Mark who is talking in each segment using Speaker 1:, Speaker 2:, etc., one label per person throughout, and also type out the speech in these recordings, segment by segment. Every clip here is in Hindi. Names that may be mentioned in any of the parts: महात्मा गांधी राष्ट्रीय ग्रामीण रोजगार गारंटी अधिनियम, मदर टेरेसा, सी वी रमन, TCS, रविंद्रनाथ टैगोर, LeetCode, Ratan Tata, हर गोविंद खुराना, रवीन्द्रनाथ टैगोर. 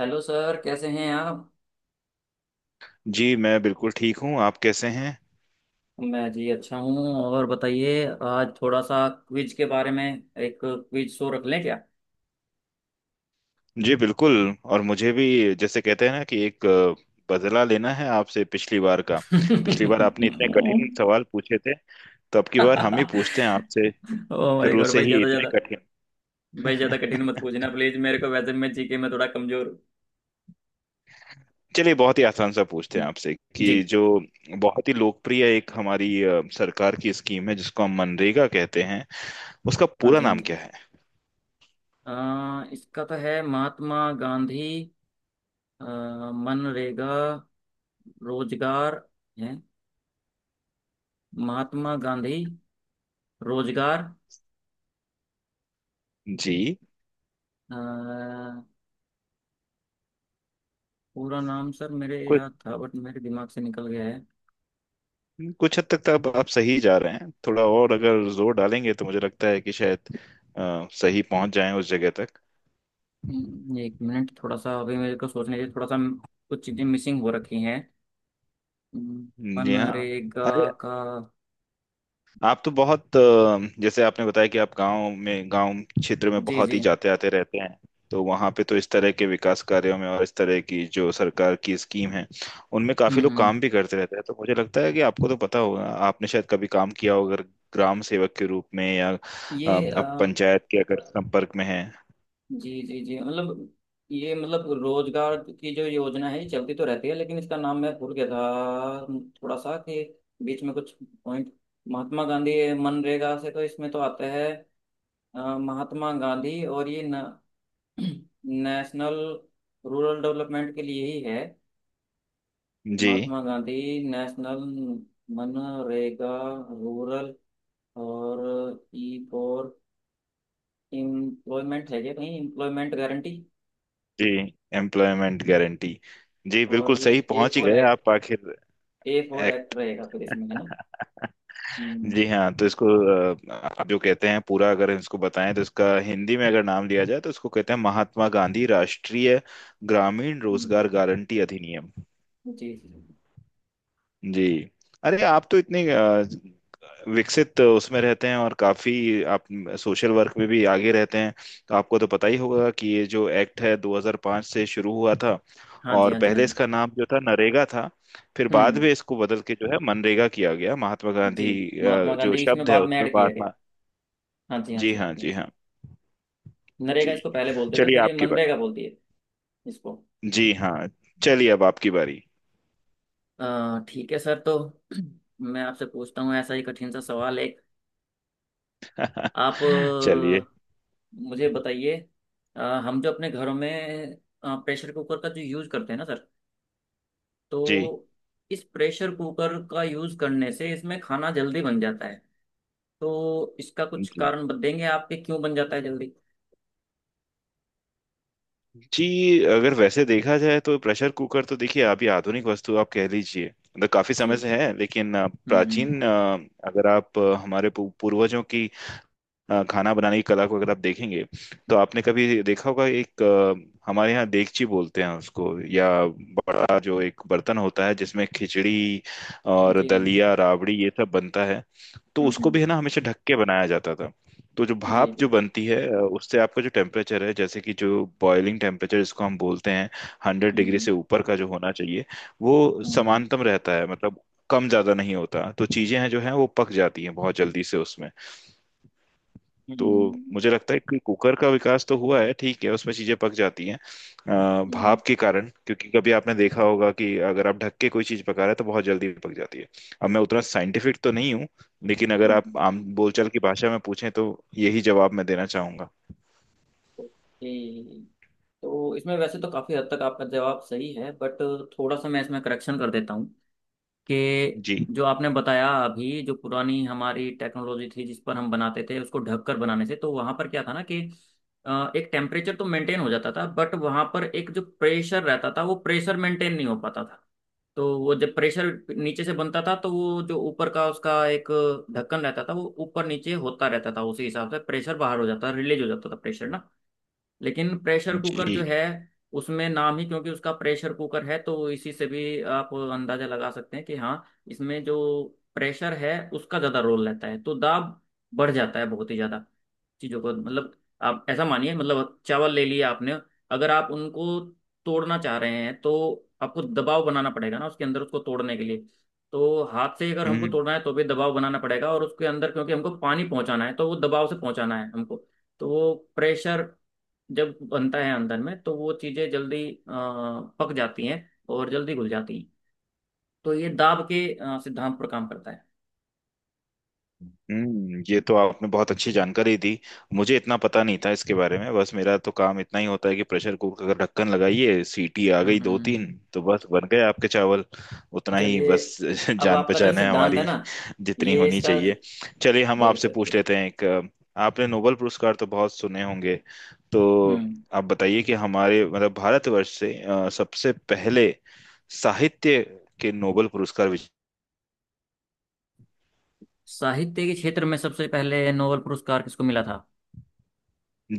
Speaker 1: हेलो सर, कैसे हैं आप?
Speaker 2: जी मैं बिल्कुल ठीक हूँ। आप कैसे हैं?
Speaker 1: मैं जी अच्छा हूँ। और बताइए आज थोड़ा सा क्विज के बारे में, एक क्विज शो रख लें क्या?
Speaker 2: जी बिल्कुल। और मुझे भी जैसे कहते हैं ना कि एक बदला लेना है आपसे पिछली बार का। पिछली बार आपने इतने कठिन सवाल पूछे थे, तो अब की बार हम ही पूछते हैं आपसे।
Speaker 1: ओ माय
Speaker 2: शुरू
Speaker 1: गॉड!
Speaker 2: से
Speaker 1: भाई,
Speaker 2: ही
Speaker 1: ज़्यादा
Speaker 2: इतने
Speaker 1: ज़्यादा
Speaker 2: कठिन।
Speaker 1: भाई, ज़्यादा कठिन मत पूछना प्लीज़ मेरे को। वैसे मैं जीके में थोड़ा कमज़ोर हूँ।
Speaker 2: चलिए बहुत ही आसान सा पूछते हैं
Speaker 1: हम्म,
Speaker 2: आपसे कि
Speaker 1: जी।
Speaker 2: जो बहुत ही लोकप्रिय एक हमारी सरकार की स्कीम है जिसको हम मनरेगा कहते हैं, उसका
Speaker 1: हाँ
Speaker 2: पूरा
Speaker 1: जी, हाँ
Speaker 2: नाम
Speaker 1: जी।
Speaker 2: क्या है?
Speaker 1: अ, इसका तो है महात्मा गांधी। अ, मनरेगा रोजगार है। महात्मा गांधी रोजगार।
Speaker 2: जी।
Speaker 1: पूरा नाम सर मेरे याद था बट मेरे दिमाग से निकल गया है।
Speaker 2: कुछ हद तक तो आप सही जा रहे हैं। थोड़ा और अगर जोर डालेंगे तो मुझे लगता है कि शायद सही पहुंच जाएं उस जगह तक।
Speaker 1: एक मिनट, थोड़ा सा अभी मेरे को सोचने दीजिए। थोड़ा सा कुछ चीजें मिसिंग हो रखी हैं। हम्म,
Speaker 2: जी हाँ।
Speaker 1: मनरेगा
Speaker 2: अरे
Speaker 1: का।
Speaker 2: आप तो बहुत जैसे आपने बताया कि आप गांव क्षेत्र में
Speaker 1: जी
Speaker 2: बहुत
Speaker 1: जी।
Speaker 2: ही जाते आते रहते हैं। तो वहां पे तो इस तरह के विकास कार्यों में और इस तरह की जो सरकार की स्कीम है उनमें काफी लोग
Speaker 1: हम्म।
Speaker 2: काम भी करते रहते हैं। तो मुझे लगता है कि आपको तो पता होगा, आपने शायद कभी काम किया होगा अगर ग्राम सेवक के रूप में या
Speaker 1: ये
Speaker 2: आप पंचायत के अगर संपर्क में हैं।
Speaker 1: जी जी जी, मतलब ये, मतलब रोजगार की जो योजना है ये चलती तो रहती है, लेकिन इसका नाम मैं भूल गया था थोड़ा सा। कि बीच में कुछ पॉइंट। महात्मा गांधी, ये मनरेगा से तो इसमें तो आता है। महात्मा गांधी और ये न नेशनल, रूरल डेवलपमेंट के लिए ही है।
Speaker 2: जी
Speaker 1: महात्मा गांधी नेशनल मनरेगा रूरल और ई फॉर एम्प्लॉयमेंट है क्या कहीं? Employment guarantee.
Speaker 2: जी एम्प्लॉयमेंट गारंटी। जी
Speaker 1: और
Speaker 2: बिल्कुल
Speaker 1: ये
Speaker 2: सही
Speaker 1: ए
Speaker 2: पहुंच ही
Speaker 1: फॉर
Speaker 2: गए
Speaker 1: एक्ट।
Speaker 2: आप आखिर।
Speaker 1: A for act
Speaker 2: act.
Speaker 1: रहेगा फिर इसमें, है ना? हम्म।
Speaker 2: जी हाँ, तो इसको अ, आप जो कहते हैं पूरा अगर इसको बताएं तो इसका हिंदी में अगर नाम लिया जाए तो इसको कहते हैं महात्मा गांधी राष्ट्रीय ग्रामीण
Speaker 1: हम्म,
Speaker 2: रोजगार गारंटी अधिनियम।
Speaker 1: जी जी।
Speaker 2: जी। अरे आप तो इतने विकसित उसमें रहते हैं और काफी आप सोशल वर्क में भी आगे रहते हैं। तो आपको तो पता ही होगा कि ये जो एक्ट है 2005 से शुरू हुआ था।
Speaker 1: हाँ जी,
Speaker 2: और
Speaker 1: हाँ जी, हाँ
Speaker 2: पहले
Speaker 1: जी।
Speaker 2: इसका नाम जो था नरेगा था, फिर बाद
Speaker 1: हम्म,
Speaker 2: में इसको बदल के जो है मनरेगा किया गया, महात्मा
Speaker 1: जी।
Speaker 2: गांधी
Speaker 1: महात्मा
Speaker 2: जो
Speaker 1: गांधी इसमें
Speaker 2: शब्द है
Speaker 1: बाद में
Speaker 2: उसमें
Speaker 1: ऐड किया गया।
Speaker 2: महात्मा।
Speaker 1: हाँ जी, हाँ
Speaker 2: जी
Speaker 1: जी, हाँ
Speaker 2: हाँ
Speaker 1: जी, हाँ
Speaker 2: जी
Speaker 1: जी।
Speaker 2: हाँ
Speaker 1: नरेगा
Speaker 2: जी।
Speaker 1: इसको पहले बोलते थे,
Speaker 2: चलिए
Speaker 1: फिर ये
Speaker 2: आपकी बारी।
Speaker 1: मनरेगा बोल दिए इसको।
Speaker 2: जी हाँ, चलिए अब आपकी बारी।
Speaker 1: ठीक है सर, तो मैं आपसे पूछता हूँ ऐसा ही कठिन सा सवाल एक। आप
Speaker 2: चलिए।
Speaker 1: मुझे बताइए। अ, हम जो अपने घरों में प्रेशर कुकर का जो यूज़ करते हैं ना सर,
Speaker 2: जी
Speaker 1: तो इस प्रेशर कुकर का यूज़ करने से इसमें खाना जल्दी बन जाता है। तो इसका कुछ
Speaker 2: जी
Speaker 1: कारण बताएंगे आपके, क्यों बन जाता है जल्दी?
Speaker 2: जी। अगर वैसे देखा जाए तो प्रेशर कुकर तो देखिए, अभी आधुनिक वस्तु आप कह लीजिए। मतलब काफी समय
Speaker 1: जी।
Speaker 2: से है लेकिन
Speaker 1: हम्म।
Speaker 2: प्राचीन अगर आप हमारे पूर्वजों की खाना बनाने की कला को अगर आप देखेंगे, तो आपने कभी देखा होगा एक हमारे यहाँ देगची बोलते हैं उसको, या बड़ा जो एक बर्तन होता है जिसमें खिचड़ी और
Speaker 1: जी।
Speaker 2: दलिया राबड़ी ये सब बनता है। तो उसको
Speaker 1: हम्म।
Speaker 2: भी है ना, हमेशा ढक के बनाया जाता था। तो जो
Speaker 1: जी
Speaker 2: भाप जो
Speaker 1: बिल्कुल।
Speaker 2: बनती है उससे आपका जो टेम्परेचर है, जैसे कि जो बॉइलिंग टेम्परेचर जिसको हम बोलते हैं, हंड्रेड डिग्री
Speaker 1: हम्म
Speaker 2: से ऊपर का जो होना चाहिए, वो
Speaker 1: हम्म
Speaker 2: समानतम रहता है। मतलब कम ज्यादा नहीं होता, तो चीजें हैं जो हैं वो पक जाती हैं बहुत जल्दी से उसमें।
Speaker 1: हम्म
Speaker 2: तो
Speaker 1: हम्म
Speaker 2: मुझे लगता है कि कुकर का विकास तो हुआ है, ठीक है, उसमें चीजें पक जाती हैं
Speaker 1: हम्म
Speaker 2: भाप के कारण। क्योंकि कभी आपने देखा होगा कि अगर आप ढक के कोई चीज पका रहे हैं तो बहुत जल्दी पक जाती है। अब मैं उतना साइंटिफिक तो नहीं हूँ, लेकिन अगर आप
Speaker 1: हम्म।
Speaker 2: आम बोलचाल की भाषा में पूछें तो यही जवाब मैं देना चाहूंगा।
Speaker 1: ओके। तो इसमें वैसे तो काफी हद तक आपका जवाब सही है, बट थोड़ा सा मैं इसमें करेक्शन कर देता हूँ कि
Speaker 2: जी
Speaker 1: जो आपने बताया अभी, जो पुरानी हमारी टेक्नोलॉजी थी जिस पर हम बनाते थे उसको ढककर बनाने से, तो वहां पर क्या था ना कि एक टेम्परेचर तो मेंटेन हो जाता था, बट वहां पर एक जो प्रेशर रहता था वो प्रेशर मेंटेन नहीं हो पाता था। तो वो जब प्रेशर नीचे से बनता था तो वो जो ऊपर का उसका एक ढक्कन रहता था वो ऊपर नीचे होता रहता था, उसी हिसाब से प्रेशर बाहर हो जाता, रिलीज हो जाता था प्रेशर ना। लेकिन प्रेशर कुकर जो
Speaker 2: जी।
Speaker 1: है उसमें नाम ही क्योंकि उसका प्रेशर कुकर है, तो इसी से भी आप अंदाजा लगा सकते हैं कि हाँ, इसमें जो प्रेशर है उसका ज्यादा रोल रहता है। तो दाब बढ़ जाता है बहुत ही ज्यादा चीजों को, मतलब आप ऐसा मानिए मतलब चावल ले लिया आपने, अगर आप उनको तोड़ना चाह रहे हैं तो आपको दबाव बनाना पड़ेगा ना उसके अंदर उसको तोड़ने के लिए। तो हाथ से अगर हमको
Speaker 2: हम्म
Speaker 1: तोड़ना है तो भी दबाव बनाना पड़ेगा और उसके अंदर क्योंकि हमको पानी पहुंचाना है तो वो दबाव से पहुंचाना है हमको। तो वो प्रेशर जब बनता है अंदर में तो वो चीजें जल्दी पक जाती हैं और जल्दी घुल जाती हैं। तो ये दाब के सिद्धांत पर काम करता है।
Speaker 2: हम्म। ये तो आपने बहुत अच्छी जानकारी दी। मुझे इतना पता नहीं था इसके बारे में। बस मेरा तो काम इतना ही होता है कि प्रेशर कुकर का ढक्कन लगाइए, सीटी आ गई दो
Speaker 1: हम्म।
Speaker 2: तीन, तो बस बन गए आपके चावल। उतना ही
Speaker 1: चलिए,
Speaker 2: बस।
Speaker 1: अब
Speaker 2: जान
Speaker 1: आपका जो
Speaker 2: पहचान है
Speaker 1: सिद्धांत है
Speaker 2: हमारी
Speaker 1: ना,
Speaker 2: जितनी
Speaker 1: ये
Speaker 2: होनी
Speaker 1: इसका
Speaker 2: चाहिए। चलिए हम आपसे
Speaker 1: बिल्कुल
Speaker 2: पूछ
Speaker 1: बिल्कुल।
Speaker 2: लेते हैं एक। आपने नोबेल पुरस्कार तो बहुत सुने होंगे। तो
Speaker 1: हम्म।
Speaker 2: आप बताइए कि हमारे मतलब भारतवर्ष से सबसे पहले साहित्य के नोबेल पुरस्कार
Speaker 1: साहित्य के क्षेत्र में सबसे पहले नोबेल पुरस्कार किसको मिला था?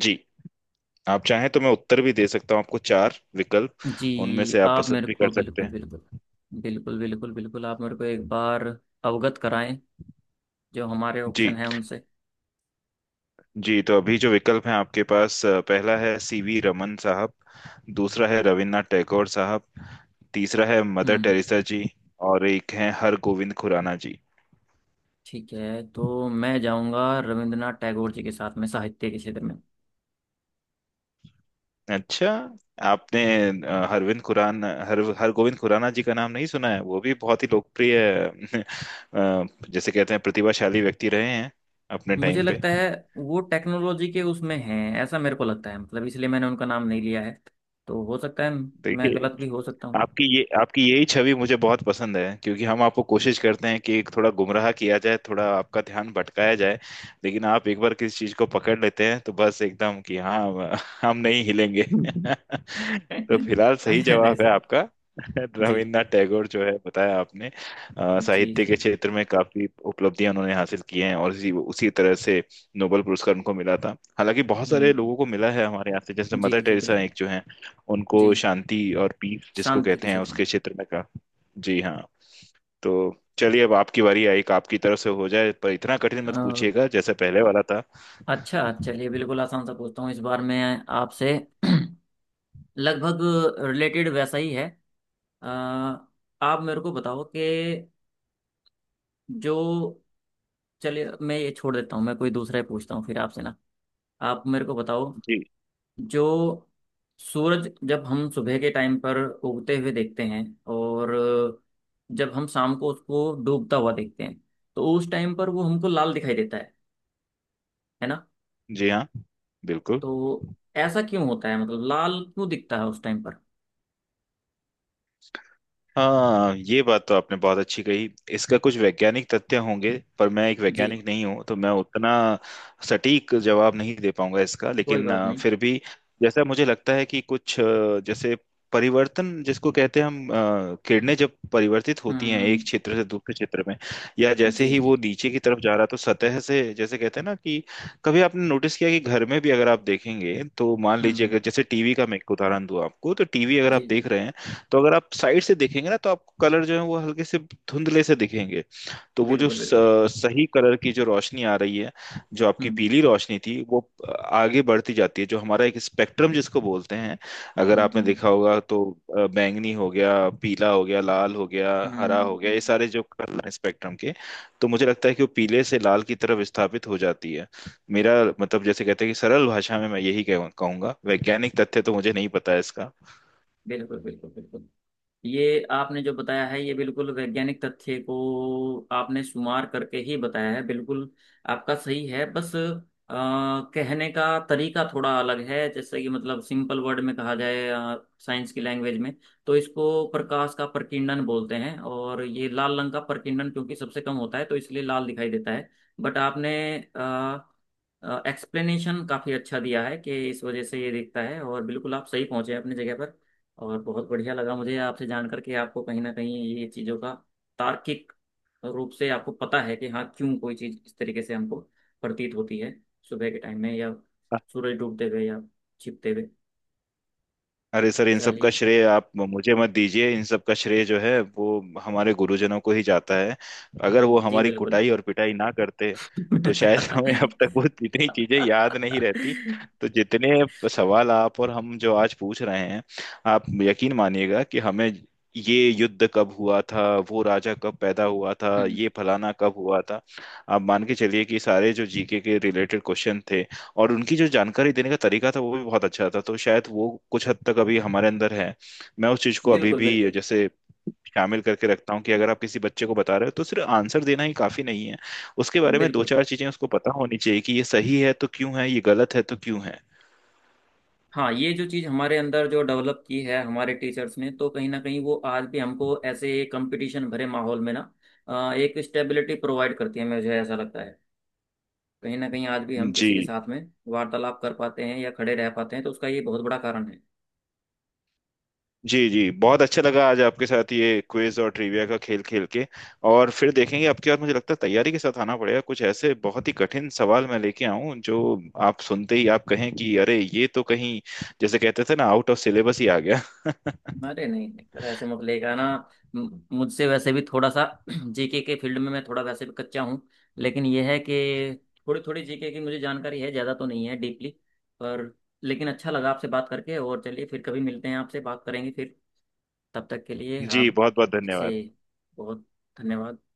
Speaker 2: जी आप चाहें तो मैं उत्तर भी दे सकता हूँ आपको। चार विकल्प
Speaker 1: जी,
Speaker 2: उनमें से आप
Speaker 1: आप
Speaker 2: पसंद
Speaker 1: मेरे
Speaker 2: भी
Speaker 1: को
Speaker 2: कर सकते
Speaker 1: बिल्कुल
Speaker 2: हैं।
Speaker 1: बिल्कुल, बिल्कुल बिल्कुल बिल्कुल आप मेरे को एक बार अवगत कराएं जो हमारे
Speaker 2: जी
Speaker 1: ऑप्शन है उनसे।
Speaker 2: जी, तो अभी जो विकल्प हैं आपके पास, पहला है सीवी रमन साहब, दूसरा है रविन्द्रनाथ टैगोर साहब, तीसरा है मदर
Speaker 1: हम्म।
Speaker 2: टेरेसा जी, और एक है हर गोविंद खुराना जी।
Speaker 1: ठीक है, तो मैं जाऊंगा रविंद्रनाथ टैगोर जी के साथ में साहित्य के क्षेत्र में।
Speaker 2: अच्छा, आपने हरविंद खुराना हर हर गोविंद खुराना जी का नाम नहीं सुना है? वो भी बहुत ही लोकप्रिय जैसे कहते हैं प्रतिभाशाली व्यक्ति रहे हैं अपने
Speaker 1: मुझे
Speaker 2: टाइम पे।
Speaker 1: लगता है वो टेक्नोलॉजी के उसमें हैं ऐसा मेरे को लगता है, मतलब इसलिए मैंने उनका नाम नहीं लिया है। तो हो सकता है मैं
Speaker 2: देखिए,
Speaker 1: गलत भी हो सकता हूँ।
Speaker 2: आपकी यही छवि मुझे बहुत पसंद है, क्योंकि हम आपको
Speaker 1: जी।
Speaker 2: कोशिश करते हैं कि थोड़ा गुमराह किया जाए, थोड़ा आपका ध्यान भटकाया जाए, लेकिन आप एक बार किसी चीज को पकड़ लेते हैं तो बस एकदम कि हाँ हम नहीं हिलेंगे। तो फिलहाल सही
Speaker 1: अरे नहीं
Speaker 2: जवाब है
Speaker 1: सर।
Speaker 2: आपका।
Speaker 1: जी
Speaker 2: रविन्द्रनाथ टैगोर जो है, बताया आपने,
Speaker 1: जी
Speaker 2: साहित्य
Speaker 1: जी।
Speaker 2: के क्षेत्र में काफी उपलब्धियां उन्होंने हासिल की हैं, और इसी उसी तरह से नोबेल पुरस्कार उनको मिला था। हालांकि बहुत
Speaker 1: हम्म,
Speaker 2: सारे लोगों को मिला है हमारे यहाँ से, जैसे मदर
Speaker 1: जी जी
Speaker 2: टेरेसा
Speaker 1: बिल्कुल।
Speaker 2: एक जो है,
Speaker 1: जी।
Speaker 2: उनको शांति और पीस जिसको
Speaker 1: शांति के
Speaker 2: कहते हैं
Speaker 1: क्षेत्र में।
Speaker 2: उसके क्षेत्र में का। जी हाँ। तो चलिए अब आपकी बारी आई, एक आपकी तरफ से हो जाए, पर इतना कठिन मत
Speaker 1: अ,
Speaker 2: पूछिएगा जैसा पहले वाला था।
Speaker 1: अच्छा चलिए बिल्कुल आसान सा पूछता हूँ इस बार मैं आपसे। लगभग रिलेटेड वैसा ही है। अ, आप मेरे को बताओ कि जो, चलिए मैं ये छोड़ देता हूँ, मैं कोई दूसरा ही पूछता हूँ फिर आपसे ना। आप मेरे को बताओ,
Speaker 2: जी।
Speaker 1: जो सूरज जब हम सुबह के टाइम पर उगते हुए देखते हैं और जब हम शाम को उसको डूबता हुआ देखते हैं, तो उस टाइम पर वो हमको लाल दिखाई देता है ना?
Speaker 2: जी हाँ, बिल्कुल।
Speaker 1: तो ऐसा क्यों होता है, मतलब लाल क्यों दिखता है उस टाइम पर?
Speaker 2: हाँ, ये बात तो आपने बहुत अच्छी कही। इसका कुछ वैज्ञानिक तथ्य होंगे, पर मैं एक
Speaker 1: जी,
Speaker 2: वैज्ञानिक नहीं हूँ तो मैं उतना सटीक जवाब नहीं दे पाऊंगा इसका।
Speaker 1: कोई
Speaker 2: लेकिन
Speaker 1: बात नहीं।
Speaker 2: फिर भी जैसा मुझे लगता है कि कुछ जैसे परिवर्तन जिसको कहते हैं हम, किरणें जब परिवर्तित होती हैं
Speaker 1: हम्म।
Speaker 2: एक क्षेत्र से दूसरे क्षेत्र में, या जैसे
Speaker 1: जी
Speaker 2: ही
Speaker 1: जी।
Speaker 2: वो नीचे की तरफ जा रहा तो सतह से, जैसे कहते हैं ना कि कभी आपने नोटिस किया कि घर में भी अगर आप देखेंगे तो, मान लीजिए
Speaker 1: हम्म।
Speaker 2: अगर जैसे टीवी का मैं एक उदाहरण दूं आपको, तो टीवी अगर
Speaker 1: जी
Speaker 2: आप
Speaker 1: जी
Speaker 2: देख रहे हैं तो अगर आप साइड से देखेंगे ना तो आपको कलर जो है वो हल्के से धुंधले से दिखेंगे। तो वो जो
Speaker 1: बिल्कुल बिल्कुल।
Speaker 2: सही कलर की जो रोशनी आ रही है, जो आपकी
Speaker 1: हम्म
Speaker 2: पीली रोशनी थी, वो आगे बढ़ती जाती है। जो हमारा एक स्पेक्ट्रम जिसको बोलते हैं, अगर
Speaker 1: हम्म
Speaker 2: आपने
Speaker 1: हम्म।
Speaker 2: देखा होगा तो, बैंगनी हो गया, पीला हो गया, लाल हो गया, हरा हो गया, ये
Speaker 1: हम्म।
Speaker 2: सारे जो कलर हैं स्पेक्ट्रम के। तो मुझे लगता है कि वो पीले से लाल की तरफ विस्थापित हो जाती है। मेरा मतलब जैसे कहते हैं कि सरल भाषा में, मैं यही कहूंगा। वैज्ञानिक तथ्य तो मुझे नहीं पता है इसका।
Speaker 1: बिल्कुल बिल्कुल बिल्कुल, ये आपने जो बताया है ये बिल्कुल वैज्ञानिक तथ्य को आपने शुमार करके ही बताया है। बिल्कुल आपका सही है, बस कहने का तरीका थोड़ा अलग है, जैसे कि मतलब सिंपल वर्ड में कहा जाए साइंस की लैंग्वेज में तो इसको प्रकाश का प्रकीर्णन बोलते हैं, और ये लाल रंग का प्रकीर्णन क्योंकि सबसे कम होता है तो इसलिए लाल दिखाई देता है। बट आपने एक्सप्लेनेशन काफ़ी अच्छा दिया है कि इस वजह से ये दिखता है, और बिल्कुल आप सही पहुंचे हैं अपनी जगह पर। और बहुत बढ़िया लगा मुझे आपसे जान करके, आपको कहीं ना कहीं ये चीज़ों का तार्किक रूप से आपको पता है कि हाँ, क्यों कोई चीज़ इस तरीके से हमको प्रतीत होती है सुबह के टाइम में, या सूरज डूबते हुए या छिपते हुए।
Speaker 2: अरे सर, इन सब का
Speaker 1: चलिए।
Speaker 2: श्रेय आप मुझे मत दीजिए, इन सब का श्रेय जो है वो हमारे गुरुजनों को ही जाता है। अगर वो
Speaker 1: जी
Speaker 2: हमारी
Speaker 1: बिल्कुल।
Speaker 2: कुटाई और पिटाई ना करते तो शायद हमें अब तक वो इतनी चीजें याद नहीं रहती। तो जितने सवाल आप और हम जो आज पूछ रहे हैं, आप यकीन मानिएगा कि हमें ये युद्ध कब हुआ था, वो राजा कब पैदा हुआ था,
Speaker 1: हम्म।
Speaker 2: ये फलाना कब हुआ था, आप मान के चलिए कि सारे जो जीके के रिलेटेड क्वेश्चन थे, और उनकी जो जानकारी देने का तरीका था वो भी बहुत अच्छा था, तो शायद वो कुछ हद तक अभी हमारे अंदर है। मैं उस चीज को अभी
Speaker 1: बिल्कुल
Speaker 2: भी
Speaker 1: बिल्कुल
Speaker 2: जैसे शामिल करके रखता हूँ कि अगर आप किसी बच्चे को बता रहे हो तो सिर्फ आंसर देना ही काफी नहीं है, उसके बारे में दो
Speaker 1: बिल्कुल।
Speaker 2: चार चीजें उसको पता होनी चाहिए कि ये सही है तो क्यों है, ये गलत है तो क्यों है।
Speaker 1: हाँ, ये जो चीज़ हमारे अंदर जो डेवलप की है हमारे टीचर्स ने, तो कहीं ना कहीं वो आज भी हमको ऐसे कंपटीशन भरे माहौल में ना एक स्टेबिलिटी प्रोवाइड करती है मुझे ऐसा लगता है। कहीं ना कहीं आज भी हम
Speaker 2: जी
Speaker 1: किसी के साथ में वार्तालाप कर पाते हैं या खड़े रह पाते हैं, तो उसका ये बहुत बड़ा कारण है।
Speaker 2: जी जी। बहुत अच्छा लगा आज आपके साथ ये क्विज और ट्रिविया का खेल खेल के। और फिर देखेंगे आपके बाद, मुझे लगता है तैयारी के साथ आना पड़ेगा, कुछ ऐसे बहुत ही कठिन सवाल मैं लेके आऊं जो आप सुनते ही आप कहें कि अरे ये तो कहीं, जैसे कहते थे ना, आउट ऑफ सिलेबस ही आ गया।
Speaker 1: अरे नहीं नहीं सर, ऐसे मत लेगा ना। मुझसे वैसे भी थोड़ा सा जीके के फील्ड में मैं थोड़ा वैसे भी कच्चा हूँ। लेकिन यह है कि थोड़ी थोड़ी जीके की मुझे जानकारी है, ज़्यादा तो नहीं है डीपली। पर लेकिन अच्छा लगा आपसे बात करके, और चलिए फिर कभी मिलते हैं, आपसे बात करेंगे फिर। तब तक के लिए
Speaker 2: जी,
Speaker 1: आप
Speaker 2: बहुत बहुत
Speaker 1: से
Speaker 2: धन्यवाद।
Speaker 1: बहुत धन्यवाद।